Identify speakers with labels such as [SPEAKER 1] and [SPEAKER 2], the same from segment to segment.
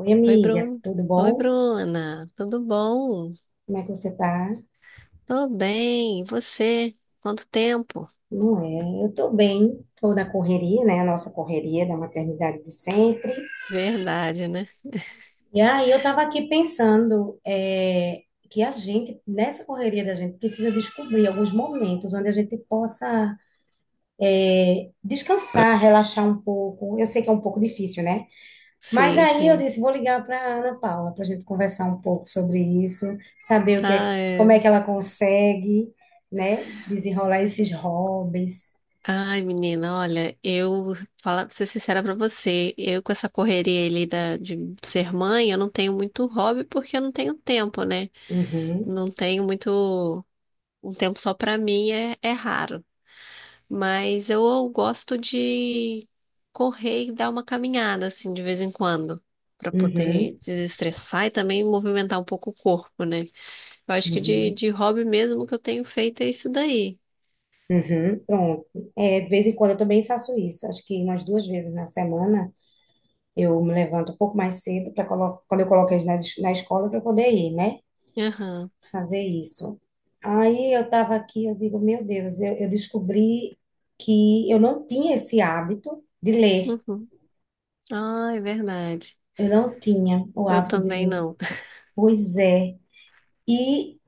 [SPEAKER 1] Oi,
[SPEAKER 2] Oi,
[SPEAKER 1] amiga,
[SPEAKER 2] Bruno.
[SPEAKER 1] tudo
[SPEAKER 2] Oi,
[SPEAKER 1] bom?
[SPEAKER 2] Bruna. Tudo bom?
[SPEAKER 1] Como é que você tá?
[SPEAKER 2] Tô bem. E você? Quanto tempo?
[SPEAKER 1] Não é? Eu tô bem, tô na correria, né? A nossa correria da maternidade de sempre.
[SPEAKER 2] Verdade, né?
[SPEAKER 1] E aí eu tava aqui pensando, que a gente, nessa correria da gente, precisa descobrir alguns momentos onde a gente possa descansar, relaxar um pouco. Eu sei que é um pouco difícil, né? Mas
[SPEAKER 2] Sim,
[SPEAKER 1] aí eu
[SPEAKER 2] sim.
[SPEAKER 1] disse, vou ligar para a Ana Paula para a gente conversar um pouco sobre isso, saber o que é,
[SPEAKER 2] Ah,
[SPEAKER 1] como
[SPEAKER 2] é.
[SPEAKER 1] é que ela consegue, né, desenrolar esses hobbies.
[SPEAKER 2] Ai, menina, olha, eu falar pra ser sincera pra você, eu com essa correria ali de ser mãe, eu não tenho muito hobby porque eu não tenho tempo, né?
[SPEAKER 1] Uhum,
[SPEAKER 2] Não tenho muito. Um tempo só pra mim é raro. Mas eu gosto de correr e dar uma caminhada, assim, de vez em quando, para poder
[SPEAKER 1] uhum,
[SPEAKER 2] desestressar e também movimentar um pouco o corpo, né? Eu acho que
[SPEAKER 1] uhum,
[SPEAKER 2] de hobby mesmo que eu tenho feito é isso daí.
[SPEAKER 1] uhum. Pronto. É, de vez em quando eu também faço isso. Acho que umas duas vezes na semana eu me levanto um pouco mais cedo para quando eu coloco eles na escola para poder ir, né,
[SPEAKER 2] Aham.
[SPEAKER 1] fazer isso. Aí eu estava aqui, eu digo, meu Deus, eu descobri que eu não tinha esse hábito de ler.
[SPEAKER 2] Uhum. Ah, é verdade.
[SPEAKER 1] Eu não tinha o
[SPEAKER 2] Eu
[SPEAKER 1] hábito de
[SPEAKER 2] também
[SPEAKER 1] ler.
[SPEAKER 2] não.
[SPEAKER 1] Pois é. E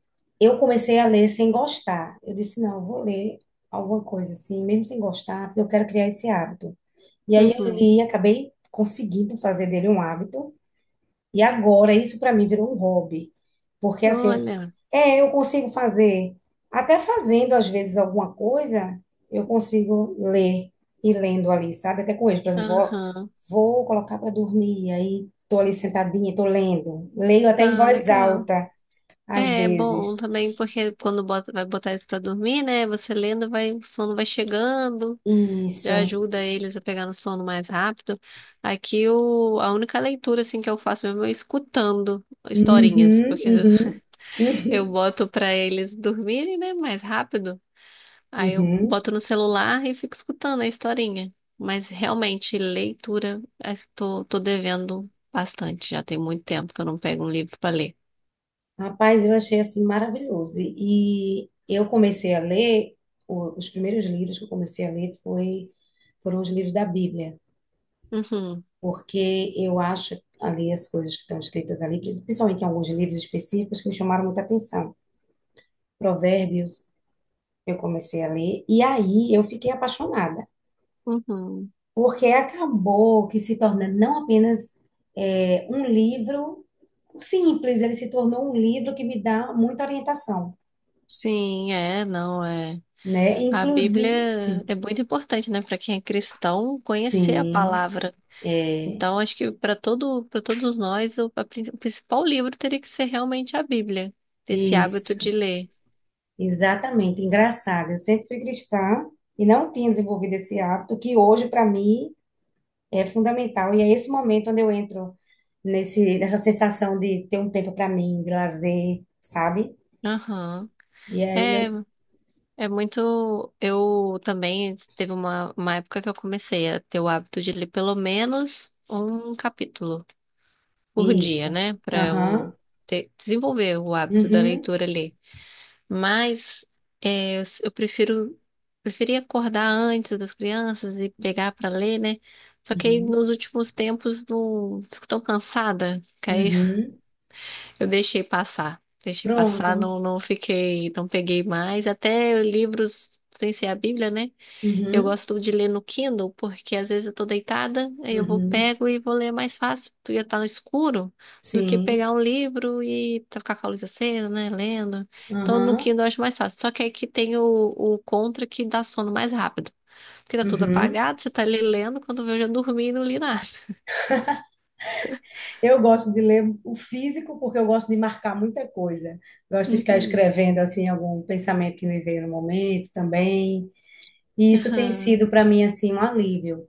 [SPEAKER 1] eu comecei a ler sem gostar. Eu disse, não, eu vou ler alguma coisa assim, mesmo sem gostar, porque eu quero criar esse hábito. E aí eu
[SPEAKER 2] Uhum.
[SPEAKER 1] li, acabei conseguindo fazer dele um hábito. E agora, isso para mim virou um hobby. Porque assim,
[SPEAKER 2] Olha.
[SPEAKER 1] eu consigo fazer, até fazendo às vezes alguma coisa, eu consigo ler e lendo ali, sabe? Até com eles, por exemplo,
[SPEAKER 2] Aham.
[SPEAKER 1] vou colocar para dormir, aí tô ali sentadinha, tô lendo. Leio até em
[SPEAKER 2] Ah,
[SPEAKER 1] voz
[SPEAKER 2] legal.
[SPEAKER 1] alta, às
[SPEAKER 2] É bom
[SPEAKER 1] vezes.
[SPEAKER 2] também, porque quando bota, vai botar isso pra dormir, né? Você lendo, vai, o sono vai chegando. Já
[SPEAKER 1] Isso.
[SPEAKER 2] ajuda eles a pegar no sono mais rápido. Aqui a única leitura assim que eu faço mesmo é escutando historinhas,
[SPEAKER 1] Uhum,
[SPEAKER 2] porque às vezes
[SPEAKER 1] uhum,
[SPEAKER 2] eu
[SPEAKER 1] uhum,
[SPEAKER 2] boto pra eles dormirem, né, mais rápido. Aí eu
[SPEAKER 1] uhum.
[SPEAKER 2] boto no celular e fico escutando a historinha. Mas realmente leitura, tô devendo bastante. Já tem muito tempo que eu não pego um livro pra ler.
[SPEAKER 1] Rapaz, eu achei assim maravilhoso. E eu comecei a ler, os primeiros livros que eu comecei a ler, foram os livros da Bíblia,
[SPEAKER 2] Uhum,
[SPEAKER 1] porque eu acho ali as coisas que estão escritas ali, principalmente em alguns livros específicos que me chamaram muita atenção. Provérbios, eu comecei a ler, e aí eu fiquei apaixonada,
[SPEAKER 2] uhum.
[SPEAKER 1] porque acabou que se tornando não apenas um livro simples, ele se tornou um livro que me dá muita orientação,
[SPEAKER 2] Sim, é, não é.
[SPEAKER 1] né?
[SPEAKER 2] A
[SPEAKER 1] Inclusive,
[SPEAKER 2] Bíblia é muito importante, né, para quem é cristão conhecer a
[SPEAKER 1] sim,
[SPEAKER 2] palavra.
[SPEAKER 1] é
[SPEAKER 2] Então, acho que para todo, para todos nós, o principal livro teria que ser realmente a Bíblia, ter esse hábito
[SPEAKER 1] isso,
[SPEAKER 2] de ler.
[SPEAKER 1] exatamente. Engraçado, eu sempre fui cristã e não tinha desenvolvido esse hábito que hoje para mim é fundamental. E é esse momento onde eu entro nessa sensação de ter um tempo para mim, de lazer, sabe?
[SPEAKER 2] Aham.
[SPEAKER 1] E aí
[SPEAKER 2] É,
[SPEAKER 1] eu
[SPEAKER 2] é muito. Eu também teve uma época que eu comecei a ter o hábito de ler pelo menos um capítulo por dia,
[SPEAKER 1] isso.
[SPEAKER 2] né? Para
[SPEAKER 1] Aham.
[SPEAKER 2] eu desenvolver o hábito da
[SPEAKER 1] Uhum.
[SPEAKER 2] leitura ali. Mas eu prefiro preferia acordar antes das crianças e pegar para ler, né? Só que aí
[SPEAKER 1] Uhum.
[SPEAKER 2] nos últimos tempos não fico tão cansada que aí
[SPEAKER 1] Uhum.
[SPEAKER 2] eu deixei passar. Deixei
[SPEAKER 1] Pronto.
[SPEAKER 2] passar, não, não fiquei, não peguei mais. Até livros sem ser a Bíblia, né? Eu
[SPEAKER 1] Uhum.
[SPEAKER 2] gosto de ler no Kindle porque às vezes eu tô deitada, aí eu vou
[SPEAKER 1] Uhum.
[SPEAKER 2] pego e vou ler mais fácil. Tu ia estar no escuro do que
[SPEAKER 1] Sim.
[SPEAKER 2] pegar um livro e ficar com a luz acesa, né, lendo. Então no
[SPEAKER 1] Aham.
[SPEAKER 2] Kindle eu acho mais fácil. Só que aí que tem o contra que dá sono mais rápido. Porque tá tudo
[SPEAKER 1] Uhum.
[SPEAKER 2] apagado, você tá ali lendo, quando vê eu já dormi e não li nada.
[SPEAKER 1] Eu gosto de ler o físico porque eu gosto de marcar muita coisa. Gosto de ficar
[SPEAKER 2] Uhum.
[SPEAKER 1] escrevendo assim algum pensamento que me veio no momento também. E isso tem
[SPEAKER 2] Aham.
[SPEAKER 1] sido para mim assim um alívio.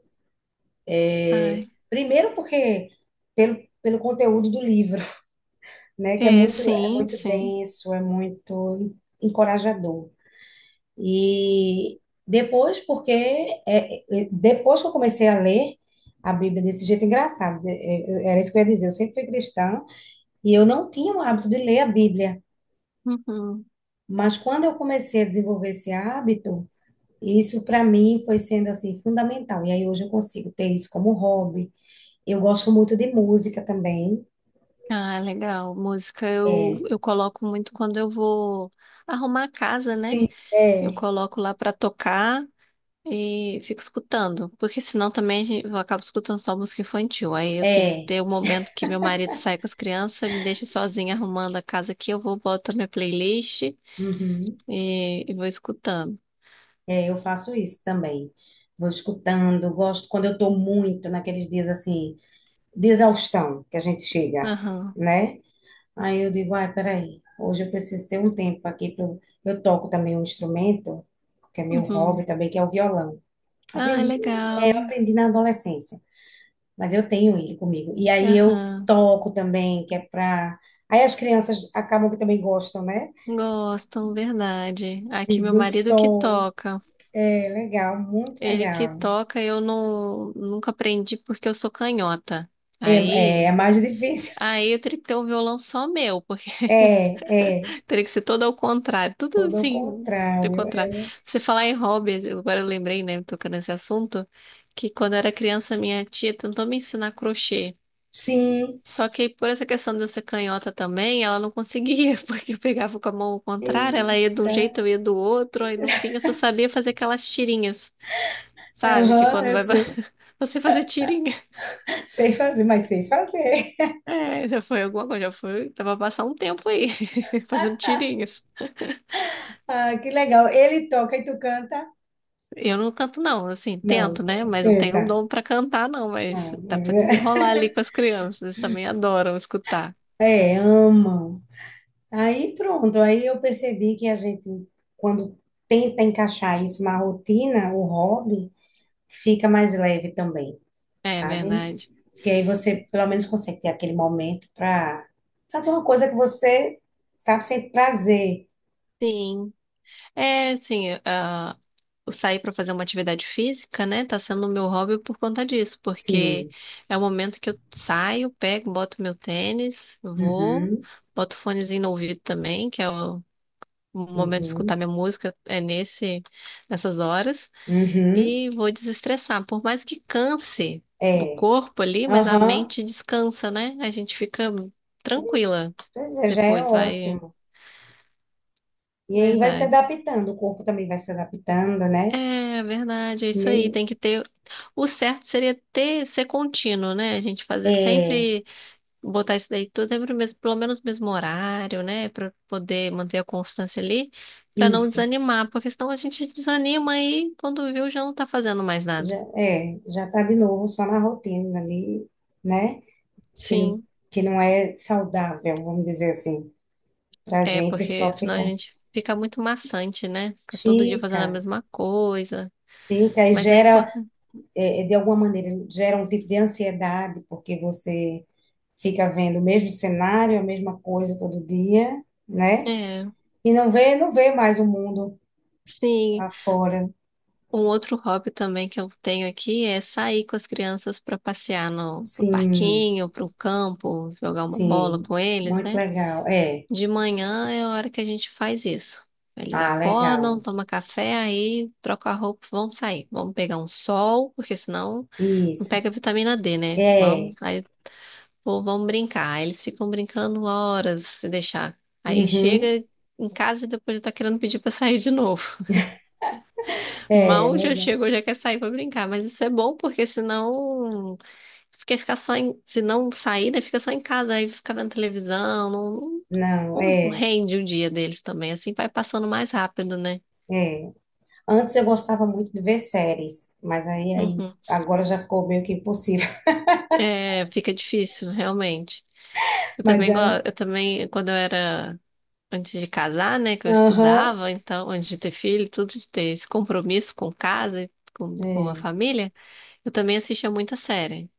[SPEAKER 2] Ai.
[SPEAKER 1] Primeiro porque pelo conteúdo do livro, né, que é
[SPEAKER 2] É, sim,
[SPEAKER 1] muito
[SPEAKER 2] sim.
[SPEAKER 1] denso, é muito encorajador. E depois depois que eu comecei a ler a Bíblia desse jeito engraçado, era isso que eu ia dizer. Eu sempre fui cristã e eu não tinha o hábito de ler a Bíblia.
[SPEAKER 2] Uhum.
[SPEAKER 1] Mas quando eu comecei a desenvolver esse hábito, isso para mim foi sendo assim fundamental. E aí hoje eu consigo ter isso como hobby. Eu gosto muito de música também.
[SPEAKER 2] Ah, legal. Música eu coloco muito quando eu vou arrumar a casa, né?
[SPEAKER 1] Sim,
[SPEAKER 2] Eu
[SPEAKER 1] é.
[SPEAKER 2] coloco lá pra tocar e fico escutando, porque senão também eu acabo escutando só música infantil. Aí eu tenho que
[SPEAKER 1] É,
[SPEAKER 2] ter o momento que meu marido sai com as crianças, me deixa sozinha arrumando a casa aqui, eu vou boto a minha playlist
[SPEAKER 1] uhum,
[SPEAKER 2] e vou escutando.
[SPEAKER 1] é, eu faço isso também. Vou escutando, gosto quando eu estou muito naqueles dias assim, de exaustão que a gente chega,
[SPEAKER 2] Aham.
[SPEAKER 1] né? Aí eu digo, ai, peraí, hoje eu preciso ter um tempo aqui para eu toco também um instrumento, que é meu
[SPEAKER 2] Uhum.
[SPEAKER 1] hobby também, que é o violão.
[SPEAKER 2] Ah, é
[SPEAKER 1] Aprendi,
[SPEAKER 2] legal.
[SPEAKER 1] Aprendi na adolescência, mas eu tenho ele comigo. E aí eu
[SPEAKER 2] Aham.
[SPEAKER 1] toco também, que é pra. Aí as crianças acabam que também gostam, né?
[SPEAKER 2] Gostam, verdade. Aqui meu
[SPEAKER 1] Do
[SPEAKER 2] marido que
[SPEAKER 1] som.
[SPEAKER 2] toca.
[SPEAKER 1] É legal, muito
[SPEAKER 2] Ele que
[SPEAKER 1] legal.
[SPEAKER 2] toca, eu não nunca aprendi porque eu sou canhota.
[SPEAKER 1] É,
[SPEAKER 2] Aí,
[SPEAKER 1] é mais difícil.
[SPEAKER 2] aí eu teria que ter um violão só meu.
[SPEAKER 1] É, é,
[SPEAKER 2] Teria que ser todo ao contrário, tudo
[SPEAKER 1] tudo ao
[SPEAKER 2] assim, do
[SPEAKER 1] contrário. É,
[SPEAKER 2] contrário. Você falar em hobby, agora eu lembrei, né, tocando nesse assunto, que quando eu era criança, minha tia tentou me ensinar crochê.
[SPEAKER 1] sim.
[SPEAKER 2] Só que por essa questão de eu ser canhota também, ela não conseguia, porque eu pegava com a mão ao contrário, ela ia de um
[SPEAKER 1] Eita.
[SPEAKER 2] jeito, eu ia do outro, aí no fim eu só sabia fazer aquelas tirinhas, sabe? Que
[SPEAKER 1] Aham,
[SPEAKER 2] quando
[SPEAKER 1] eu sei.
[SPEAKER 2] você fazer tirinha.
[SPEAKER 1] Sei fazer, mas sei fazer.
[SPEAKER 2] É, já foi alguma coisa, já foi, dava pra passar um tempo aí, fazendo tirinhas.
[SPEAKER 1] Ah, que legal. Ele toca e tu canta?
[SPEAKER 2] Eu não canto, não, assim,
[SPEAKER 1] Não,
[SPEAKER 2] tento, né? Mas não tenho
[SPEAKER 1] eita.
[SPEAKER 2] dom pra cantar, não. Mas
[SPEAKER 1] Não,
[SPEAKER 2] dá pra desenrolar ali com as crianças, eles também adoram escutar.
[SPEAKER 1] é, é, amam. Aí pronto, aí eu percebi que a gente, quando tenta encaixar isso na rotina, o hobby, fica mais leve também,
[SPEAKER 2] É
[SPEAKER 1] sabe?
[SPEAKER 2] verdade.
[SPEAKER 1] Porque aí você pelo menos consegue ter aquele momento para fazer uma coisa que você sabe sente prazer.
[SPEAKER 2] Sim. É, assim, ah, eu sair pra fazer uma atividade física, né? Tá sendo o meu hobby por conta disso, porque
[SPEAKER 1] Sim.
[SPEAKER 2] é o momento que eu saio, pego, boto meu tênis, vou,
[SPEAKER 1] Uhum,
[SPEAKER 2] boto fonezinho no ouvido também, que é o momento de
[SPEAKER 1] uhum,
[SPEAKER 2] escutar minha música é nessas horas.
[SPEAKER 1] uhum.
[SPEAKER 2] E vou desestressar. Por mais que canse o
[SPEAKER 1] É.
[SPEAKER 2] corpo ali, mas a
[SPEAKER 1] Aham.
[SPEAKER 2] mente descansa, né? A gente fica tranquila.
[SPEAKER 1] Pois é, já é
[SPEAKER 2] Depois vai.
[SPEAKER 1] ótimo. E aí vai se
[SPEAKER 2] Verdade.
[SPEAKER 1] adaptando, o corpo também vai se adaptando, né?
[SPEAKER 2] É, verdade, é isso aí.
[SPEAKER 1] Mesmo.
[SPEAKER 2] Tem que ter. O certo seria ser contínuo, né? A gente fazer
[SPEAKER 1] É,
[SPEAKER 2] sempre, botar isso daí tudo sempre no mesmo, pelo menos no mesmo horário, né? Pra poder manter a constância ali, pra não
[SPEAKER 1] isso.
[SPEAKER 2] desanimar, porque senão a gente desanima e quando viu já não tá fazendo mais
[SPEAKER 1] Já,
[SPEAKER 2] nada.
[SPEAKER 1] é, já tá de novo só na rotina ali, né? Que,
[SPEAKER 2] Sim.
[SPEAKER 1] que não é saudável, vamos dizer assim, pra
[SPEAKER 2] É,
[SPEAKER 1] gente
[SPEAKER 2] porque
[SPEAKER 1] só
[SPEAKER 2] senão a
[SPEAKER 1] ficar.
[SPEAKER 2] gente fica muito maçante, né? Fica todo dia fazendo a
[SPEAKER 1] Fica,
[SPEAKER 2] mesma coisa.
[SPEAKER 1] fica e
[SPEAKER 2] Mas é
[SPEAKER 1] gera,
[SPEAKER 2] importante.
[SPEAKER 1] é, é, de alguma maneira, gera um tipo de ansiedade, porque você fica vendo o mesmo cenário, a mesma coisa todo dia, né?
[SPEAKER 2] É,
[SPEAKER 1] E não vê mais o mundo
[SPEAKER 2] sim.
[SPEAKER 1] lá fora.
[SPEAKER 2] Um outro hobby também que eu tenho aqui é sair com as crianças para passear no pro
[SPEAKER 1] Sim,
[SPEAKER 2] parquinho, pro campo, jogar uma bola
[SPEAKER 1] sim,
[SPEAKER 2] com eles,
[SPEAKER 1] muito
[SPEAKER 2] né?
[SPEAKER 1] legal. É,
[SPEAKER 2] De manhã é a hora que a gente faz isso. Eles
[SPEAKER 1] ah,
[SPEAKER 2] acordam,
[SPEAKER 1] legal.
[SPEAKER 2] tomam café, aí trocam a roupa, vão sair. Vamos pegar um sol, porque senão não
[SPEAKER 1] Isso.
[SPEAKER 2] pega vitamina D, né?
[SPEAKER 1] É.
[SPEAKER 2] Vamos, aí pô, vamos brincar. Aí eles ficam brincando horas se deixar. Aí
[SPEAKER 1] Uhum.
[SPEAKER 2] chega em casa e depois já tá querendo pedir pra sair de novo.
[SPEAKER 1] É,
[SPEAKER 2] Mal já
[SPEAKER 1] legal.
[SPEAKER 2] chegou, já quer sair pra brincar. Mas isso é bom porque senão. Porque ficar só em. Se não sair, né? Fica só em casa, aí fica vendo televisão. Não, não-
[SPEAKER 1] Não,
[SPEAKER 2] não
[SPEAKER 1] é,
[SPEAKER 2] rende o dia deles também. Assim vai passando mais rápido, né?
[SPEAKER 1] é. Antes eu gostava muito de ver séries, mas aí
[SPEAKER 2] Uhum.
[SPEAKER 1] agora já ficou meio que impossível.
[SPEAKER 2] É, fica difícil, realmente. Eu
[SPEAKER 1] Mas
[SPEAKER 2] também, go-
[SPEAKER 1] era.
[SPEAKER 2] eu também, quando eu era antes de casar, né, que eu
[SPEAKER 1] Aham,
[SPEAKER 2] estudava, então, antes de ter filho, tudo de ter esse compromisso com casa, com a
[SPEAKER 1] é,
[SPEAKER 2] família, eu também assistia muita série.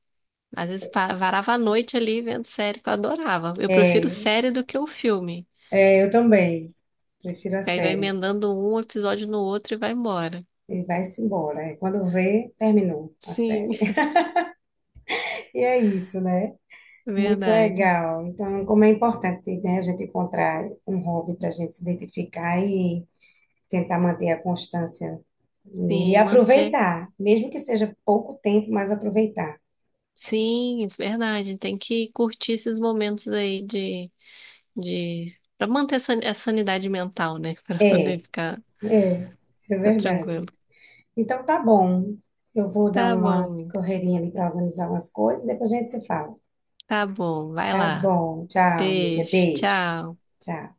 [SPEAKER 2] Às vezes varava a noite ali vendo série que eu adorava. Eu prefiro
[SPEAKER 1] é,
[SPEAKER 2] série do que o filme.
[SPEAKER 1] eu também. Prefiro a
[SPEAKER 2] Que aí vai
[SPEAKER 1] série.
[SPEAKER 2] emendando um episódio no outro e vai embora.
[SPEAKER 1] E vai-se embora. É. Quando vê, terminou a
[SPEAKER 2] Sim,
[SPEAKER 1] série. E é isso, né? Muito
[SPEAKER 2] verdade.
[SPEAKER 1] legal. Então, como é importante, né, a gente encontrar um hobby para a gente se identificar, tentar manter a constância nele e
[SPEAKER 2] Sim, manter.
[SPEAKER 1] aproveitar, mesmo que seja pouco tempo, mas aproveitar.
[SPEAKER 2] Sim, isso é verdade. Tem que curtir esses momentos aí de... para manter a a sanidade mental, né? Para poder
[SPEAKER 1] É,
[SPEAKER 2] ficar,
[SPEAKER 1] é, é
[SPEAKER 2] ficar tranquilo.
[SPEAKER 1] verdade. Então tá bom. Eu vou dar
[SPEAKER 2] Tá
[SPEAKER 1] uma
[SPEAKER 2] bom.
[SPEAKER 1] correrinha ali para organizar umas coisas e depois a gente se fala.
[SPEAKER 2] Tá bom, vai
[SPEAKER 1] Tá
[SPEAKER 2] lá.
[SPEAKER 1] bom. Tchau, amiga.
[SPEAKER 2] Beijo,
[SPEAKER 1] Beijo.
[SPEAKER 2] tchau.
[SPEAKER 1] Tchau.